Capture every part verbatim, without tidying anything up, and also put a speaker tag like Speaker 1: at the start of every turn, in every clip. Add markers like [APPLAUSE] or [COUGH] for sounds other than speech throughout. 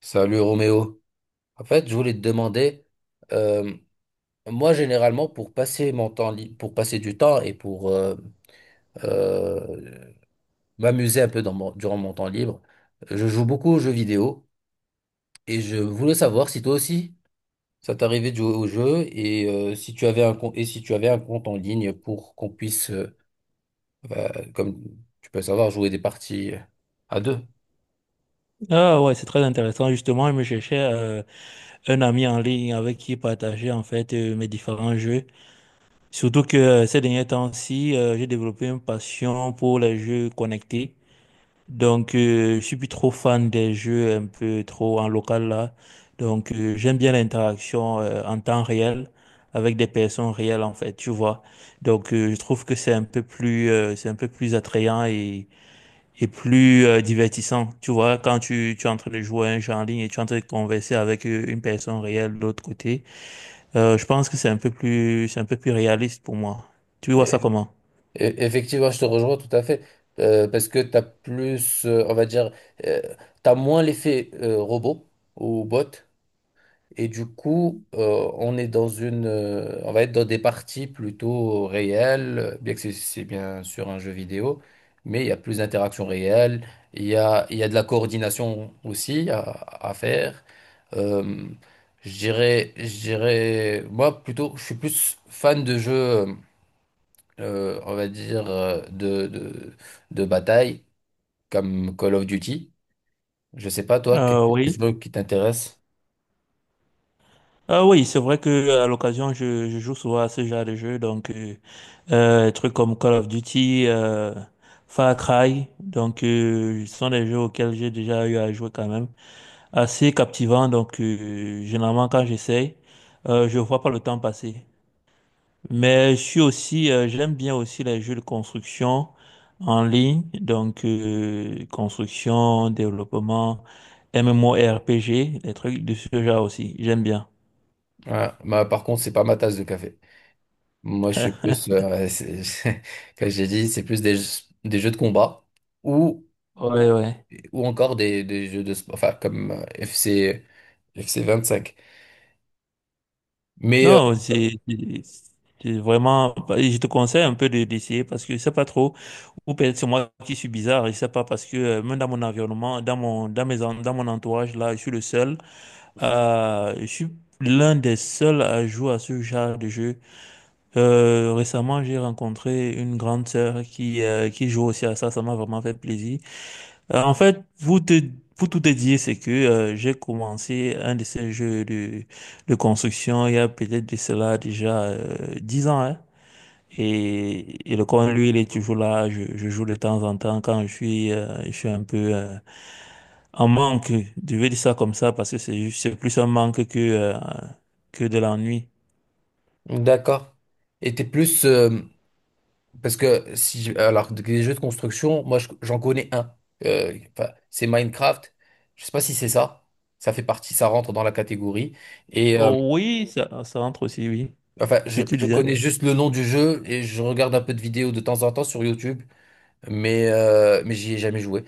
Speaker 1: Salut Roméo. En fait, je voulais te demander, euh, moi généralement pour passer mon temps libre, pour passer du temps et pour euh, euh, m'amuser un peu dans mon- durant mon temps libre, je joue beaucoup aux jeux vidéo et je voulais savoir si toi aussi ça t'arrivait de jouer aux jeux et euh, si tu avais un compte et si tu avais un compte en ligne pour qu'on puisse, euh, euh, comme tu peux savoir, jouer des parties euh, à deux.
Speaker 2: Ah ouais, c'est très intéressant. Justement, je me cherchais euh, un ami en ligne avec qui partager en fait euh, mes différents jeux. Surtout que euh, ces derniers temps-ci, euh, j'ai développé une passion pour les jeux connectés. Donc, euh, je suis plus trop fan des jeux un peu trop en local là. Donc, euh, j'aime bien l'interaction euh, en temps réel avec des personnes réelles en fait, tu vois. Donc, euh, je trouve que c'est un peu plus, euh, c'est un peu plus attrayant et plus euh, divertissant. Tu vois, quand tu, tu es en train de jouer à un jeu en ligne et tu es en train de converser avec euh, une personne réelle de l'autre côté, euh, je pense que c'est un peu plus, c'est un peu plus réaliste pour moi. Tu vois ça comment?
Speaker 1: E- Effectivement, je te rejoins tout à fait, euh, parce que tu as plus, euh, on va dire, euh, tu as moins l'effet euh, robot ou bot. Et du coup, euh, on est dans une, euh, on va être dans des parties plutôt réelles, bien que c'est c'est bien sûr un jeu vidéo, mais il y a plus d'interaction réelle, il y a, il y a de la coordination aussi à, à faire. Euh, je dirais, je dirais, moi plutôt, je suis plus fan de jeux. euh, euh, on va dire, euh, de, de, de bataille, comme Call of Duty. Je sais pas, toi, quel
Speaker 2: Euh,
Speaker 1: est le
Speaker 2: oui.
Speaker 1: jeu qui t'intéresse?
Speaker 2: Ah oui, c'est vrai que à l'occasion, je, je joue souvent à ce genre de jeu, donc euh, euh, des trucs comme Call of Duty, euh, Far Cry, donc euh, ce sont des jeux auxquels j'ai déjà eu à jouer quand même, assez captivant, donc euh, généralement quand j'essaye, euh, je vois pas le temps passer. Mais je suis aussi, euh, j'aime bien aussi les jeux de construction en ligne, donc euh, construction, développement, MMORPG, des trucs de ce genre aussi. J'aime bien.
Speaker 1: Ouais, bah, par contre, c'est pas ma tasse de café. Moi, je suis
Speaker 2: [LAUGHS]
Speaker 1: plus, euh, ouais, c'est- [LAUGHS] comme j'ai dit, c'est plus des, jeux- des jeux de combat ou,
Speaker 2: Ouais, ouais.
Speaker 1: ou encore des, des jeux de sport, enfin, comme euh, F C, vingt cinq. Mais euh,
Speaker 2: Non, c'est c'est- c'est vraiment. Je te conseille un peu de d'essayer parce que je sais pas trop. Ou peut-être c'est moi qui suis bizarre. Je sais pas parce que euh, même dans mon environnement, dans mon dans mes en- dans mon entourage là, je suis le seul. Euh, je suis l'un des seuls à jouer à ce genre de jeu. Euh, récemment, j'ai rencontré une grande sœur qui, euh, qui joue aussi à ça. Ça m'a vraiment fait plaisir. Euh, en fait, vous te, pour tout te dire, c'est que euh, j'ai commencé un de ces jeux de, de construction il y a peut-être de cela déjà euh, dix ans. hein. Et, et le coin, lui, il est toujours là. Je, je joue de temps en temps quand je suis, euh, je suis un peu euh, en manque. Je vais dire ça comme ça parce que c'est juste- c'est plus un manque que, euh, que de l'ennui.
Speaker 1: d'accord. Et t'es plus. Euh, Parce que si je- alors des jeux de construction, moi je- j'en connais un. Euh, enfin, c'est Minecraft. Je sais pas si c'est ça. Ça fait partie, ça rentre dans la catégorie. Et euh,
Speaker 2: Oh, oui, ça, ça entre aussi, oui.
Speaker 1: enfin, je,
Speaker 2: Puis tu
Speaker 1: je
Speaker 2: disais?
Speaker 1: connais juste le nom du jeu et je regarde un peu de vidéos de temps en temps sur YouTube, mais euh, mais j'y ai jamais joué.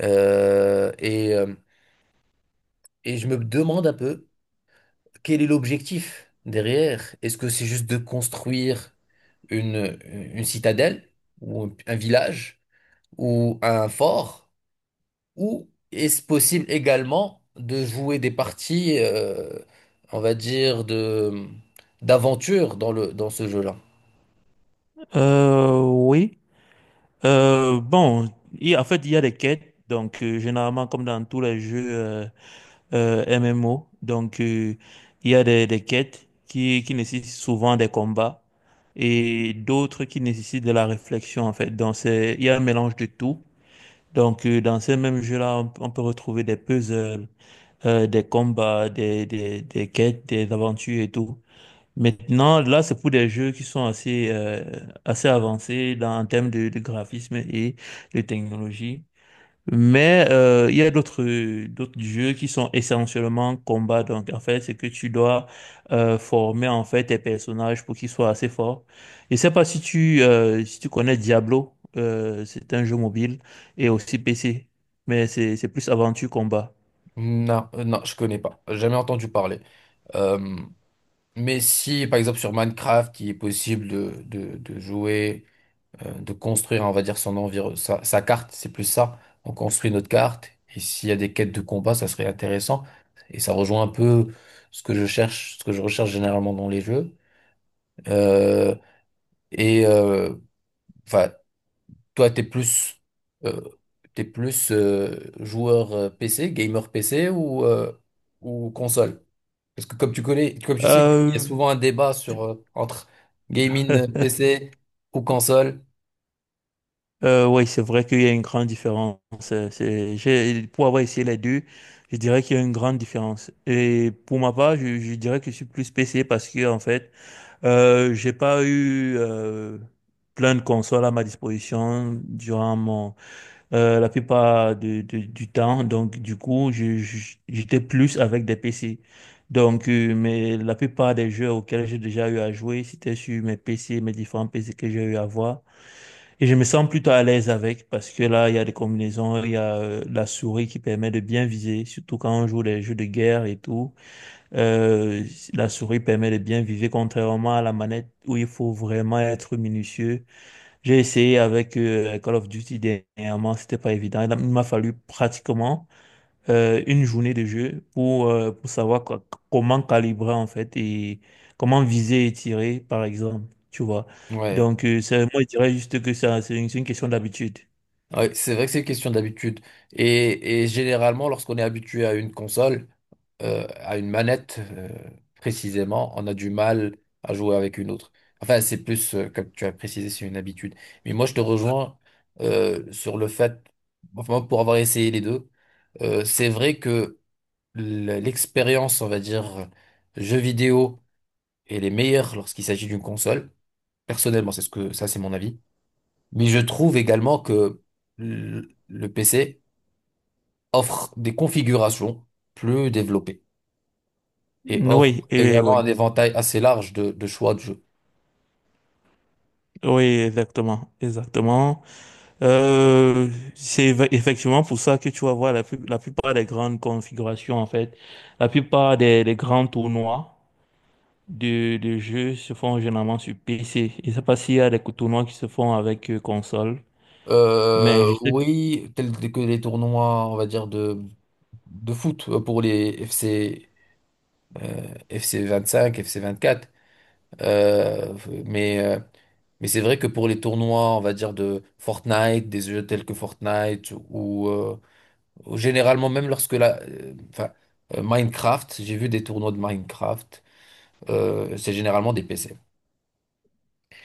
Speaker 1: Euh, et euh, et je me demande un peu quel est l'objectif derrière. Est-ce que c'est juste de construire une une citadelle ou un un village ou un fort? Ou est-ce possible également de jouer des parties, euh, on va dire, de d'aventure dans le dans ce jeu-là?
Speaker 2: Euh, oui. Euh, bon, il, en fait, il y a des quêtes. Donc, euh, généralement, comme dans tous les jeux euh, euh, M M O, donc euh, il y a des, des quêtes qui, qui nécessitent souvent des combats et d'autres qui nécessitent de la réflexion, en fait. Donc, c'est, il y a un mélange de tout. Donc, euh, dans ces mêmes jeux-là, on, on peut retrouver des puzzles, euh, des combats, des, des, des quêtes, des aventures et tout. Maintenant, là, c'est pour des jeux qui sont assez, euh, assez avancés dans, en termes de, de graphisme et de technologie. Mais euh, il y a d'autres d'autres jeux qui sont essentiellement combat. Donc, en fait, c'est que tu dois euh, former en fait tes personnages pour qu'ils soient assez forts. Je sais pas si tu euh, si tu connais Diablo. Euh, c'est un jeu mobile et aussi P C, mais c'est c'est plus aventure combat.
Speaker 1: Non, euh, non, je connais pas. J'ai jamais entendu parler. Euh, mais si, par exemple, sur Minecraft, il est possible de, de, de jouer, euh, de construire, on va dire, son environ, sa, sa carte, c'est plus ça. On construit notre carte. Et s'il y a des quêtes de combat, ça serait intéressant. Et ça rejoint un peu ce que je cherche, ce que je recherche généralement dans les jeux. Euh, et euh, Enfin, toi, t'es plus, euh, t'es plus euh, joueur euh, P C, gamer P C ou, euh, ou console? Parce que comme tu connais, comme tu sais, il
Speaker 2: Euh,
Speaker 1: y a souvent un débat sur, euh, entre gaming euh,
Speaker 2: [LAUGHS]
Speaker 1: P C ou console.
Speaker 2: Euh, oui, c'est vrai qu'il y a une grande différence. Euh, C'est, j'ai, pour avoir essayé les deux, je dirais qu'il y a une grande différence. Et pour ma part, je, je dirais que je suis plus P C parce que, en fait, euh, j'ai pas eu euh, plein de consoles à ma disposition durant mon, euh, la plupart de- de- du temps. Donc, du coup, je- je- j'étais plus avec des P C. Donc, euh, mais la plupart des jeux auxquels j'ai déjà eu à jouer, c'était sur mes P C, mes différents P C que j'ai eu à voir. Et je me sens plutôt à l'aise avec parce que là, il y a des combinaisons, il y a euh, la souris qui permet de bien viser, surtout quand on joue les jeux de guerre et tout. Euh, la souris permet de bien viser, contrairement à la manette où il faut vraiment être minutieux. J'ai essayé avec euh, Call of Duty dernièrement, c'était pas évident. Il a- il m'a fallu pratiquement euh, une journée de jeu pour, euh, pour savoir co- comment calibrer en fait et comment viser et tirer, par exemple. Tu vois.
Speaker 1: Ouais.
Speaker 2: Donc, euh, c'est, moi, je dirais juste que ça, c'est une, c'est une question d'habitude.
Speaker 1: Ouais, c'est vrai que c'est une question d'habitude. Et, et généralement, lorsqu'on est habitué à une console, euh, à une manette, euh, précisément, on a du mal à jouer avec une autre. Enfin, c'est plus, euh, comme tu as précisé, c'est une habitude. Mais moi, je te rejoins euh, sur le fait, enfin, pour avoir essayé les deux, euh, c'est vrai que l- l'expérience, on va dire, jeux vidéo est les meilleure lorsqu'il s'agit d'une console. Personnellement, c'est ce que ça, c'est mon avis. Mais je trouve également que le le P C offre des configurations plus développées, et offre
Speaker 2: Oui, et
Speaker 1: également un
Speaker 2: oui,
Speaker 1: éventail assez large de, de choix de jeux.
Speaker 2: oui, exactement, exactement. Euh, c'est eff- Effectivement pour ça que tu vas voir la, plus- la plupart des grandes configurations, en fait, la plupart des, des grands tournois de, de jeux se font généralement sur P C. Je ne sais pas s'il y a des tournois qui se font avec euh, console, mais je
Speaker 1: Euh,
Speaker 2: sais.
Speaker 1: oui, tels que les tournois, on va dire, de, de foot euh, pour les F C, euh, F C vingt-cinq, F C vingt-quatre. Euh, mais euh, mais c'est vrai que pour les tournois, on va dire, de Fortnite, des jeux tels que Fortnite, ou euh, ou généralement même lorsque la... euh, enfin, euh, Minecraft, j'ai vu des tournois de Minecraft, euh, c'est généralement des P C.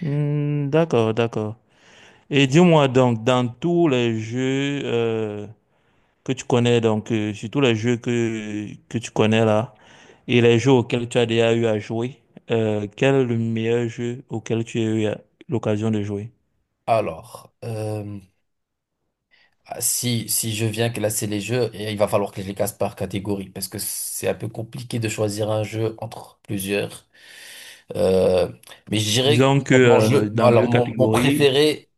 Speaker 2: Hmm, d'accord, d'accord. Et dis-moi donc, dans tous les jeux euh, que tu connais, donc euh, sur tous les jeux que, que tu connais là, et les jeux auxquels tu as déjà eu à jouer, euh, quel est le meilleur jeu auquel tu as eu à- l'occasion de jouer?
Speaker 1: Alors... euh, Ah, Si, si je viens classer les jeux, et il va falloir que je les classe par catégorie parce que c'est un peu compliqué de choisir un jeu entre plusieurs. Euh, mais je dirais
Speaker 2: Disons que
Speaker 1: que mon
Speaker 2: euh,
Speaker 1: jeu,
Speaker 2: dans
Speaker 1: alors
Speaker 2: deux
Speaker 1: mon, mon
Speaker 2: catégories.
Speaker 1: préféré,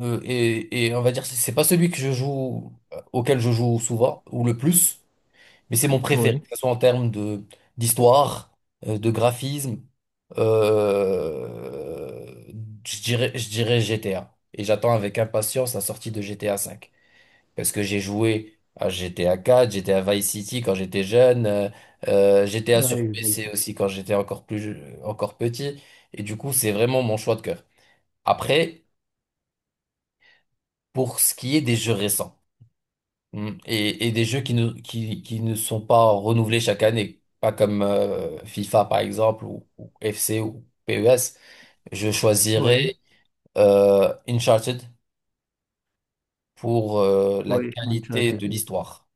Speaker 1: euh, et, et on va dire, c'est c'est pas celui que je joue, euh, auquel je joue souvent ou le plus, mais c'est mon préféré,
Speaker 2: Oui.
Speaker 1: que ce soit en termes de d'histoire, euh, de graphisme. euh, je dirais, je dirais G T A. Et j'attends avec impatience la sortie de G T A V. Parce que j'ai joué à G T A quatre, j'étais à Vice City quand j'étais jeune, euh, euh, G T A sur
Speaker 2: Ouais,
Speaker 1: P C
Speaker 2: je.
Speaker 1: aussi quand j'étais encore plus, je- encore petit. Et du coup, c'est vraiment mon choix de cœur. Après, pour ce qui est des jeux récents hmm, et, et des jeux qui ne, qui, qui ne sont pas renouvelés chaque année, pas comme euh, FIFA par exemple ou, ou F C ou P E S, je choisirais
Speaker 2: Oui,
Speaker 1: euh, Uncharted pour euh, la
Speaker 2: oui,
Speaker 1: qualité
Speaker 2: Uncharted,
Speaker 1: de
Speaker 2: oui.
Speaker 1: l'histoire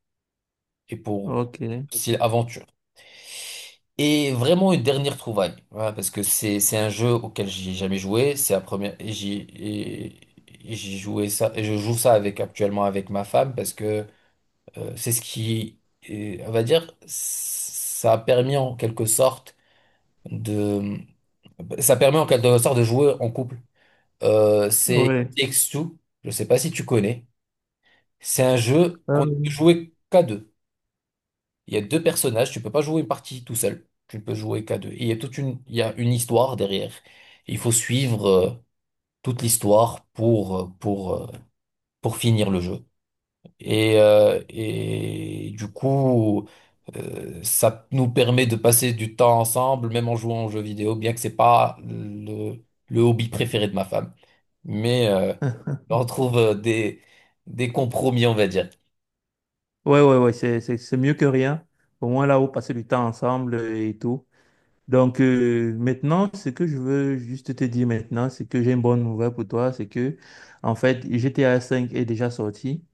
Speaker 1: et pour
Speaker 2: Ok.
Speaker 1: aussi l'aventure. Et vraiment une dernière trouvaille, voilà, parce que c'est c'est un jeu auquel j'ai jamais joué, c'est la première et j'y et- et j'y jouais ça et je joue ça avec actuellement avec ma femme parce que euh, c'est ce qui et, on va dire, ça a permis en quelque sorte de ça permet en quelque sorte de jouer en couple. Euh, c'est It
Speaker 2: Oui.
Speaker 1: Takes Two, je sais pas si tu connais, c'est un jeu qu'on ne peut
Speaker 2: Euh,
Speaker 1: jouer qu'à deux. Il y a deux personnages, tu peux pas jouer une partie tout seul, tu ne peux jouer qu'à deux. Et il y a toute une, il y a une histoire derrière. Il faut suivre euh, toute l'histoire pour euh, pour euh, pour finir le jeu. Et euh, et du coup, euh, ça nous permet de passer du temps ensemble, même en jouant aux jeux vidéo, bien que c'est pas le le hobby préféré de ma femme. Mais euh, on trouve euh, des des compromis, on va dire.
Speaker 2: Ouais, ouais, ouais, c'est, c'est, c'est mieux que rien. Au moins là, vous passez du temps ensemble euh, et tout. Donc euh, maintenant, ce que je veux juste te dire maintenant, c'est que j'ai une bonne nouvelle pour toi, c'est que en fait G T A cinq est déjà sorti,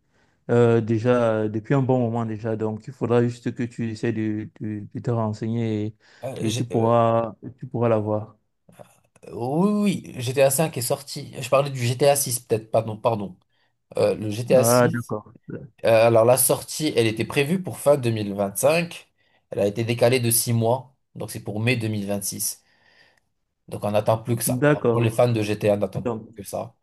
Speaker 2: euh, déjà euh, depuis un bon moment déjà. Donc il faudra juste que tu essaies de, de- de te renseigner
Speaker 1: Euh,
Speaker 2: et, et tu
Speaker 1: j'ai- euh,
Speaker 2: pourras tu pourras l'avoir.
Speaker 1: Oui, oui, G T A cinq est sorti. Je parlais du G T A six, peut-être, pardon, pardon. Euh, le G T A
Speaker 2: Ah
Speaker 1: six,
Speaker 2: d'accord,
Speaker 1: euh, alors la sortie, elle était prévue pour fin deux mille vingt-cinq. Elle a été décalée de six mois, donc c'est pour mai deux mille vingt-six. Donc on n'attend plus que ça. Pour les
Speaker 2: d'accord.
Speaker 1: fans de G T A, on n'attend
Speaker 2: Donc
Speaker 1: plus que ça.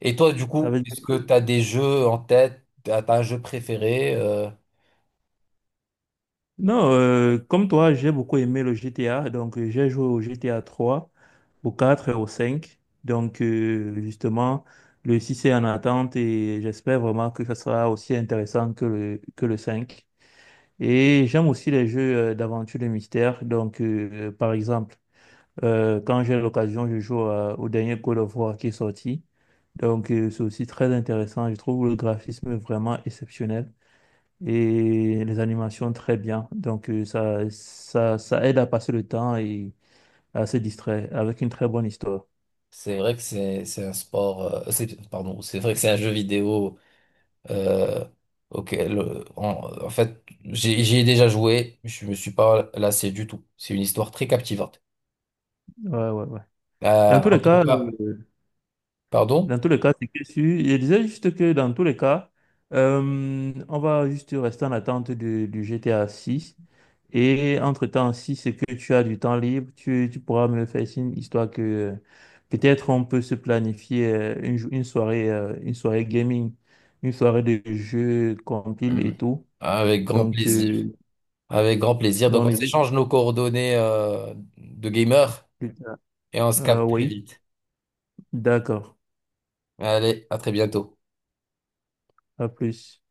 Speaker 1: Et toi, du
Speaker 2: ça
Speaker 1: coup,
Speaker 2: veut
Speaker 1: est-ce que
Speaker 2: dire.
Speaker 1: tu as des jeux en tête? T'as t'as un jeu préféré? Euh,
Speaker 2: Non, euh, comme toi, j'ai beaucoup aimé le G T A. Donc, euh, j'ai joué au G T A trois, au quatre et au cinq. Donc, euh, justement, le six est en attente et j'espère vraiment que ça sera aussi intéressant que le, que le cinq. Et j'aime aussi les jeux euh, d'aventure de mystère. Donc, euh, par exemple, euh, quand j'ai l'occasion, je joue à- au dernier Call of War qui est sorti. Donc, euh, c'est aussi très intéressant. Je trouve le graphisme vraiment exceptionnel et les animations très bien. Donc euh, ça, ça, ça aide à passer le temps et à se distraire avec une très bonne histoire.
Speaker 1: c'est vrai que c'est c'est un sport, euh, c'est, pardon, c'est vrai que c'est un jeu vidéo. Euh, ok, le- en, en fait, j'ai- j'y ai déjà joué, je me suis pas lassé du tout. C'est une histoire très captivante.
Speaker 2: Ouais, ouais, ouais. Dans
Speaker 1: Euh,
Speaker 2: tous
Speaker 1: en
Speaker 2: les
Speaker 1: tout
Speaker 2: cas,
Speaker 1: cas,
Speaker 2: euh,
Speaker 1: pardon?
Speaker 2: dans tous les cas, c'est que si- Je disais juste que dans tous les cas, euh, on va juste rester en attente de- du GTA six. Et entre-temps, si c'est que tu as du temps libre, tu, tu pourras me le faire signe, histoire que euh, peut-être on peut se planifier euh, une, jou- une soirée, euh, une soirée gaming, une soirée de jeux compile et
Speaker 1: Hum,
Speaker 2: tout.
Speaker 1: Avec grand
Speaker 2: Donc,
Speaker 1: plaisir.
Speaker 2: euh,
Speaker 1: Avec grand plaisir. Donc,
Speaker 2: on
Speaker 1: on
Speaker 2: est
Speaker 1: s'échange nos coordonnées euh, de gamer
Speaker 2: plus tard.
Speaker 1: et on se
Speaker 2: Euh,
Speaker 1: capte très
Speaker 2: oui,
Speaker 1: vite.
Speaker 2: d'accord.
Speaker 1: Allez, à très bientôt.
Speaker 2: À plus.